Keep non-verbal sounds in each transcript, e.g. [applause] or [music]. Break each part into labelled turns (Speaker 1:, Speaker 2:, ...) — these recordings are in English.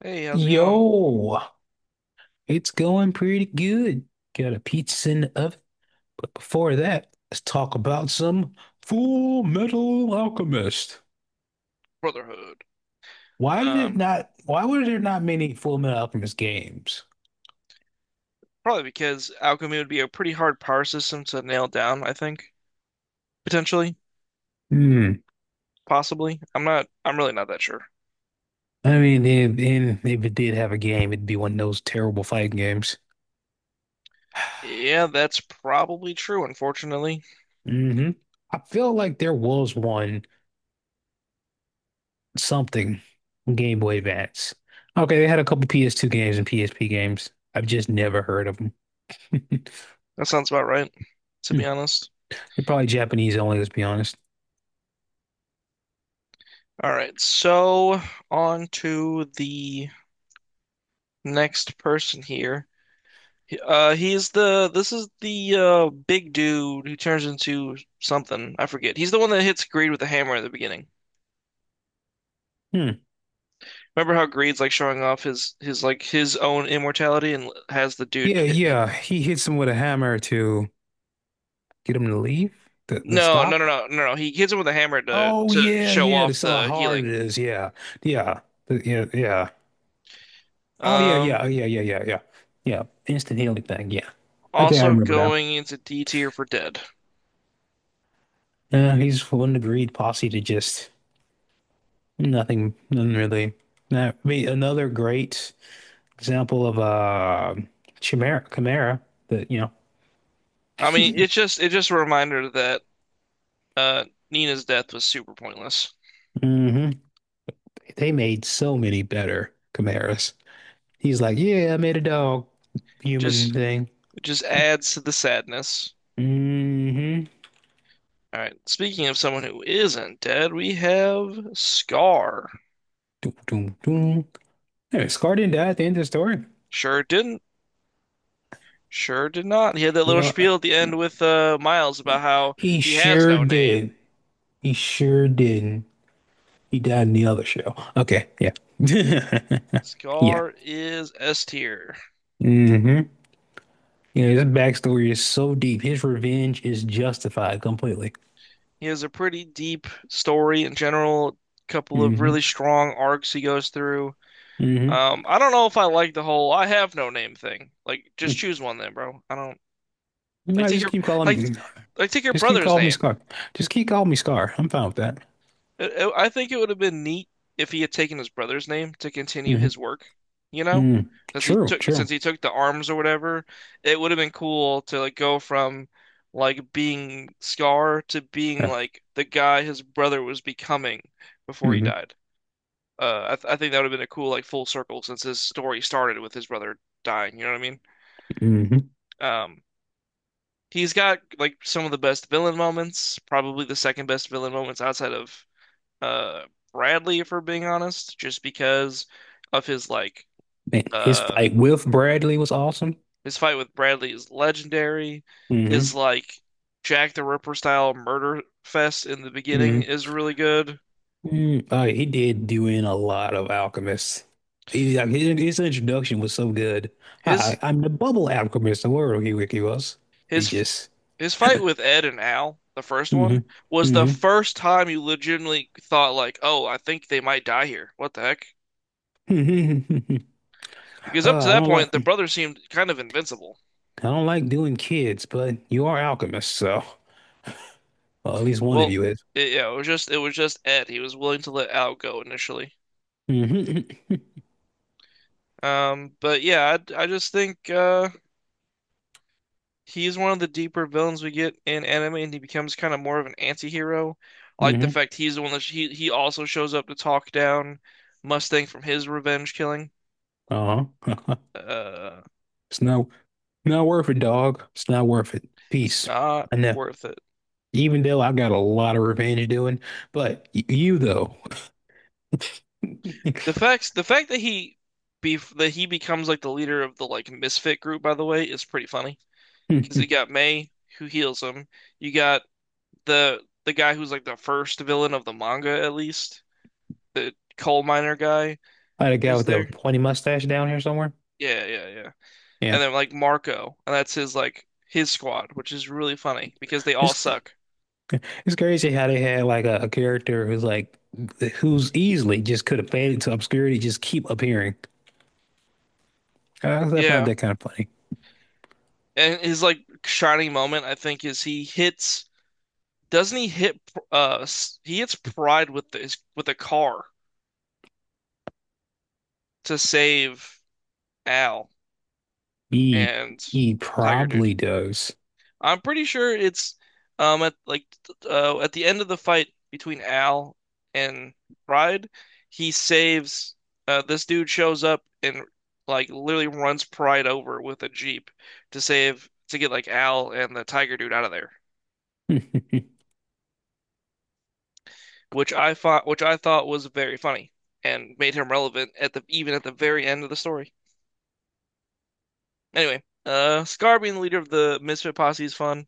Speaker 1: Hey, how's it going?
Speaker 2: Yo, it's going pretty good. Got a pizza in the oven, but before that, let's talk about some Full Metal Alchemist.
Speaker 1: Brotherhood.
Speaker 2: Why did it
Speaker 1: Um,
Speaker 2: not, why were there not many Full Metal Alchemist games?
Speaker 1: Probably because alchemy would be a pretty hard power system to nail down, I think. Potentially,
Speaker 2: Hmm.
Speaker 1: possibly. I'm really not that sure.
Speaker 2: I mean, if it did have a game, it'd be one of those terrible fighting games. [sighs]
Speaker 1: Yeah, that's probably true, unfortunately.
Speaker 2: Hmm. I feel like there was one something on Game Boy Advance. Okay, they had a couple PS2 games and PSP games. I've just never heard of them.
Speaker 1: That sounds about right, to be
Speaker 2: [laughs]
Speaker 1: honest.
Speaker 2: They're probably Japanese only, let's be honest.
Speaker 1: All right, so on to the next person here. This is the big dude who turns into something. I forget. He's the one that hits Greed with a hammer at the beginning.
Speaker 2: Hmm.
Speaker 1: Remember how Greed's like showing off his like his own immortality and has the dude
Speaker 2: Yeah,
Speaker 1: hit.
Speaker 2: yeah. He hits him with a hammer to get him to leave, the
Speaker 1: No, no,
Speaker 2: stop.
Speaker 1: no, no, no, no. He hits him with a hammer to
Speaker 2: Oh
Speaker 1: to
Speaker 2: yeah,
Speaker 1: show
Speaker 2: yeah. To
Speaker 1: off
Speaker 2: sell how
Speaker 1: the
Speaker 2: hard it
Speaker 1: healing.
Speaker 2: is. Yeah, yeah, yeah, yeah. Oh yeah, yeah,
Speaker 1: Um,
Speaker 2: oh, yeah, yeah, yeah, yeah, yeah. Instant healing thing. Yeah. Okay, I
Speaker 1: Also
Speaker 2: remember now.
Speaker 1: going into D tier for dead.
Speaker 2: Yeah, he's one agreed posse to just nothing, nothing really. Now, I mean, another great example of Chimera, Chimera. That.
Speaker 1: I mean, it's just a reminder that uh Nina's death was super pointless.
Speaker 2: Hmm. They made so many better Chimeras. He's like, yeah, I made a dog human
Speaker 1: Just
Speaker 2: thing.
Speaker 1: It just adds to the sadness.
Speaker 2: Mm-hmm.
Speaker 1: All right. Speaking of someone who isn't dead, we have Scar.
Speaker 2: Doom, doom, doom. Anyway, Scar didn't die at the end of the story.
Speaker 1: Sure didn't. Sure did not. He had that
Speaker 2: You
Speaker 1: little
Speaker 2: know,
Speaker 1: spiel at the end with Miles about
Speaker 2: he,
Speaker 1: how
Speaker 2: he
Speaker 1: he has
Speaker 2: sure
Speaker 1: no name.
Speaker 2: did. He sure didn't. He died in the other show. Okay, yeah. [laughs] Yeah.
Speaker 1: Scar is S tier.
Speaker 2: Mm-hmm. You know, his backstory is so deep. His revenge is justified completely.
Speaker 1: He has a pretty deep story in general, couple of
Speaker 2: Mm-hmm.
Speaker 1: really strong arcs he goes through.
Speaker 2: Mm-hmm.
Speaker 1: I don't know if I like the whole "I have no name" thing. Like, just choose one then, bro. I don't like
Speaker 2: No,
Speaker 1: take
Speaker 2: just
Speaker 1: your
Speaker 2: keep calling
Speaker 1: like
Speaker 2: me.
Speaker 1: like take your
Speaker 2: Just keep
Speaker 1: brother's
Speaker 2: calling me
Speaker 1: name.
Speaker 2: Scar. Just keep calling me Scar. I'm fine with that.
Speaker 1: I think it would have been neat if he had taken his brother's name to continue
Speaker 2: Mm-hmm.
Speaker 1: his work, you know?
Speaker 2: Mm. True,
Speaker 1: Since
Speaker 2: true.
Speaker 1: he took the arms or whatever, it would have been cool to like go from like being Scar to being
Speaker 2: Yeah.
Speaker 1: like the guy his brother was becoming before he
Speaker 2: hmm
Speaker 1: died. I think that would have been a cool like full circle since his story started with his brother dying, you know what I mean?
Speaker 2: hmm
Speaker 1: Um, he's got like some of the best villain moments, probably the second best villain moments outside of uh Bradley, if we're being honest, just because of his
Speaker 2: Man, his
Speaker 1: uh
Speaker 2: fight with Bradley was awesome.
Speaker 1: his fight with Bradley is legendary. His
Speaker 2: Hmm
Speaker 1: like Jack the Ripper style murder fest in the beginning
Speaker 2: hmm
Speaker 1: is really good.
Speaker 2: Mm, he did do in a lot of alchemists. He, like, his introduction was so good.
Speaker 1: His
Speaker 2: I'm the bubble alchemist, the world he was. He
Speaker 1: his
Speaker 2: just.
Speaker 1: his fight with Ed and Al, the first
Speaker 2: Hmm
Speaker 1: one, was the
Speaker 2: hmm
Speaker 1: first time you legitimately thought like, "Oh, I think they might die here. What the heck?"
Speaker 2: hmm [laughs]
Speaker 1: Because up
Speaker 2: uh,
Speaker 1: to
Speaker 2: I
Speaker 1: that
Speaker 2: don't like
Speaker 1: point, the
Speaker 2: I
Speaker 1: brothers seemed kind of invincible.
Speaker 2: don't like doing kids, but you are alchemists, so well, at least one of
Speaker 1: Well,
Speaker 2: you is.
Speaker 1: yeah, it was just Ed. He was willing to let Al go initially.
Speaker 2: Hmm
Speaker 1: I just think he's one of the deeper villains we get in anime, and he becomes kind of more of an anti-hero. I
Speaker 2: [laughs]
Speaker 1: like the
Speaker 2: hmm
Speaker 1: fact he's the one that he also shows up to talk down Mustang from his revenge killing.
Speaker 2: Uh-huh.
Speaker 1: Uh,
Speaker 2: [laughs] It's not not worth it, dog. It's not worth it.
Speaker 1: it's
Speaker 2: Peace.
Speaker 1: not
Speaker 2: I know.
Speaker 1: worth it.
Speaker 2: Even though I've got a lot of revenge doing, but you though, [laughs]
Speaker 1: The fact that he be that he becomes like the leader of the like misfit group, by the way, is pretty funny because
Speaker 2: I
Speaker 1: you got May who heals him. You got the guy who's like the first villain of the manga, at least the coal miner guy
Speaker 2: had a guy
Speaker 1: is
Speaker 2: with a
Speaker 1: there?
Speaker 2: pointy mustache down here somewhere.
Speaker 1: Yeah, yeah, yeah.
Speaker 2: Yeah,
Speaker 1: And then like Marco, and that's his like his squad, which is really funny because they all
Speaker 2: it's
Speaker 1: suck.
Speaker 2: it's crazy how they had like a character who's like who's easily just could have faded to obscurity, just keep appearing. I found
Speaker 1: Yeah.
Speaker 2: that kind of funny.
Speaker 1: And his like shining moment, I think, is he hits doesn't he hit he hits Pride with his with a car to save Al
Speaker 2: He
Speaker 1: and
Speaker 2: he
Speaker 1: Tiger Dude.
Speaker 2: probably does.
Speaker 1: I'm pretty sure it's at at the end of the fight between Al and Pride, he saves this dude shows up and like literally runs Pride over with a jeep to get like Al and the tiger dude out of there,
Speaker 2: [laughs] hmm
Speaker 1: which I thought was very funny and made him relevant at the even at the very end of the story. Anyway, Scar being the leader of the Misfit Posse is fun.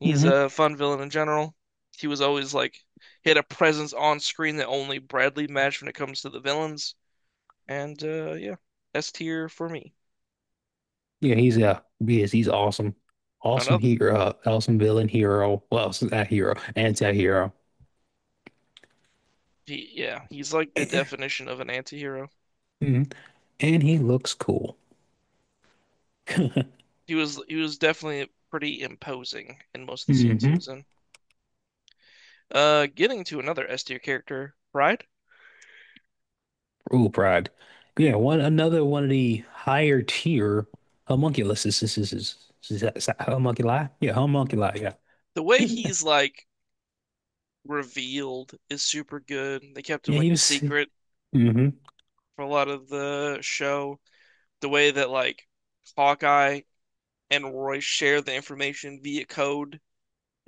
Speaker 1: He's a fun villain in general. He was always like he had a presence on screen that only Bradley matched when it comes to the villains. And yeah, S tier for me.
Speaker 2: Yeah, he's yes, he's awesome, awesome
Speaker 1: Another
Speaker 2: hero, awesome villain hero. Well, not hero, anti-hero. [clears throat] [laughs]
Speaker 1: yeah, he's like the definition of an anti-hero.
Speaker 2: Mhm. And he looks cool.
Speaker 1: He was definitely pretty imposing in most of the scenes he
Speaker 2: hmm
Speaker 1: was in. Getting to another S tier character, Pride.
Speaker 2: Ooh, pride. Yeah, one another one of the higher tier homunculus is that homunculi? Yeah, homunculi, yeah.
Speaker 1: The way
Speaker 2: [laughs]
Speaker 1: he's like revealed is super good. They kept him
Speaker 2: Yeah,
Speaker 1: like
Speaker 2: he
Speaker 1: a
Speaker 2: was.
Speaker 1: secret
Speaker 2: Hmm
Speaker 1: for a lot of the show. The way that like Hawkeye and Roy share the information via code.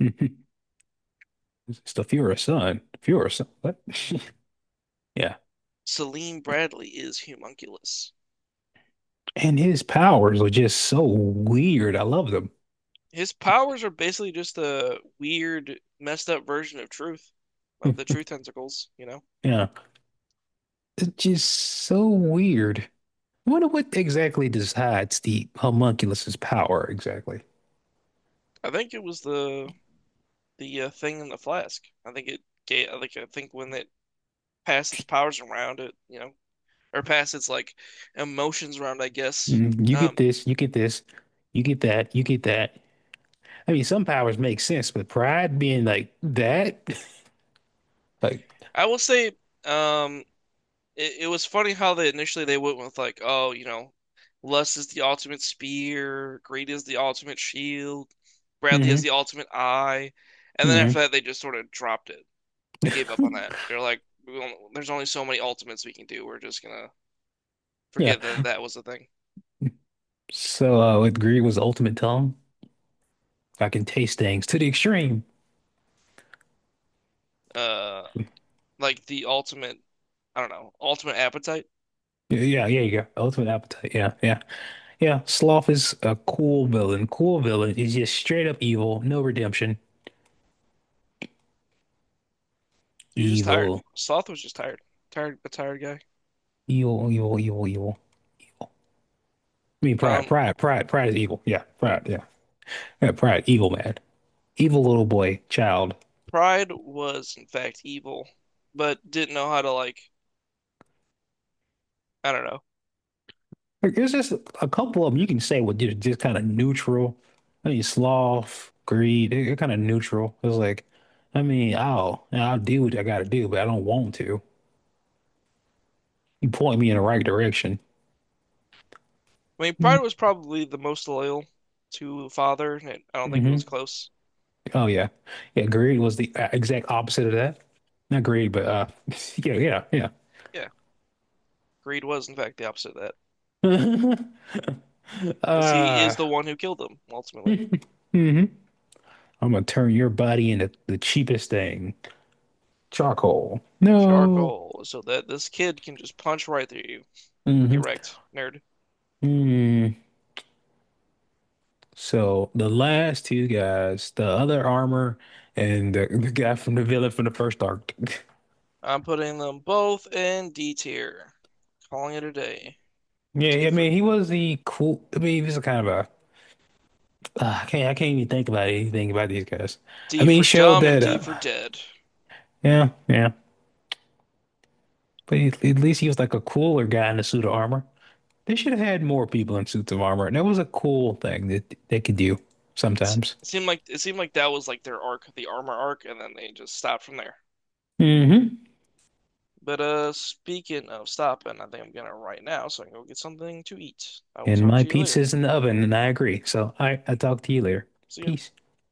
Speaker 2: hmm [laughs] It's the Fuhrer son. Fuhrer son. What? [laughs] Yeah.
Speaker 1: Selim Bradley is Humunculus.
Speaker 2: And his powers are just so weird. I love them.
Speaker 1: His powers are basically just a weird, messed up version of Truth, of the
Speaker 2: [laughs]
Speaker 1: truth Tentacles. You know,
Speaker 2: Yeah. It's just so weird. I wonder what exactly decides the homunculus's power exactly.
Speaker 1: I think it was the thing in the flask. I think it gave. I think when it passed its powers around, it you know, or passed its like emotions around. I guess.
Speaker 2: Mm, you get
Speaker 1: Um,
Speaker 2: this, you get this, you get that, you get that. I mean, some powers make sense, but pride being like that, [laughs] like.
Speaker 1: I will say, um, it was funny how they went with like, oh, you know, Lust is the ultimate spear, Greed is the ultimate shield, Bradley is
Speaker 2: Hmm
Speaker 1: the ultimate eye, and then
Speaker 2: hmm
Speaker 1: after that they just sort of dropped it. They gave up on
Speaker 2: [laughs]
Speaker 1: that. They're like, there's only so many ultimates we can do. We're just gonna
Speaker 2: Yeah.
Speaker 1: forget that that was the thing.
Speaker 2: So, with greed was the ultimate tongue. I can taste things to the extreme.
Speaker 1: Uh, like the ultimate, I don't know, ultimate appetite.
Speaker 2: Yeah, yeah, yeah, you go. Ultimate appetite. Yeah, yeah, yeah. Sloth is a cool villain. Cool villain is just straight up evil, no redemption.
Speaker 1: He was just tired.
Speaker 2: Evil,
Speaker 1: Tired, a tired guy.
Speaker 2: evil, evil, evil, evil. I mean, pride,
Speaker 1: Um,
Speaker 2: pride, pride, pride is evil. Yeah,
Speaker 1: oh yeah.
Speaker 2: pride. Yeah, yeah, pride. Evil man. Evil little boy, child.
Speaker 1: Pride was in fact evil, but didn't know how to like, I don't know.
Speaker 2: Like, there's just a couple of them you can say were just kind of neutral. I mean, sloth, greed, they're kind of neutral. It's like, I mean, I'll do what I gotta do, but I don't want to. You point me in the right direction.
Speaker 1: I mean, Pride was probably the most loyal to Father, and I don't think it was
Speaker 2: Mm-hmm.
Speaker 1: close.
Speaker 2: Oh yeah, yeah. Greed was the exact opposite of that. Not greed, but [laughs] yeah, yeah,
Speaker 1: Yeah, Greed was, in fact, the opposite of that,
Speaker 2: yeah. [laughs]
Speaker 1: as he
Speaker 2: Uh.
Speaker 1: is the one who killed him
Speaker 2: [laughs]
Speaker 1: ultimately.
Speaker 2: hmm I'm gonna turn your body into the cheapest thing, charcoal. No.
Speaker 1: Charcoal, so that this kid can just punch right through you.
Speaker 2: Mm-hmm.
Speaker 1: Get wrecked, nerd.
Speaker 2: Mm. So the last two guys, the other armor and the guy from the villain from the first arc. [laughs]
Speaker 1: I'm putting them both in D tier. Calling it a day.
Speaker 2: Yeah,
Speaker 1: D
Speaker 2: I
Speaker 1: for
Speaker 2: mean he was the cool. I mean he was kind of a. I can't. I can't even think about anything about these guys. I
Speaker 1: D
Speaker 2: mean he
Speaker 1: for
Speaker 2: showed
Speaker 1: dumb and
Speaker 2: that.
Speaker 1: D for dead.
Speaker 2: Yeah, yeah. But he, at least he was like a cooler guy in the suit of armor. They should have had more people in suits of armor, and that was a cool thing that they could do
Speaker 1: It's, it
Speaker 2: sometimes.
Speaker 1: seemed like that was like their arc, the armor arc, and then they just stopped from there.
Speaker 2: Hmm
Speaker 1: But speaking of stopping, I think I'm gonna right now, so I can go get something to eat. I will
Speaker 2: And
Speaker 1: talk
Speaker 2: my
Speaker 1: to you later.
Speaker 2: pizza's in the oven, and I agree. So I talk to you later.
Speaker 1: See you.
Speaker 2: Peace.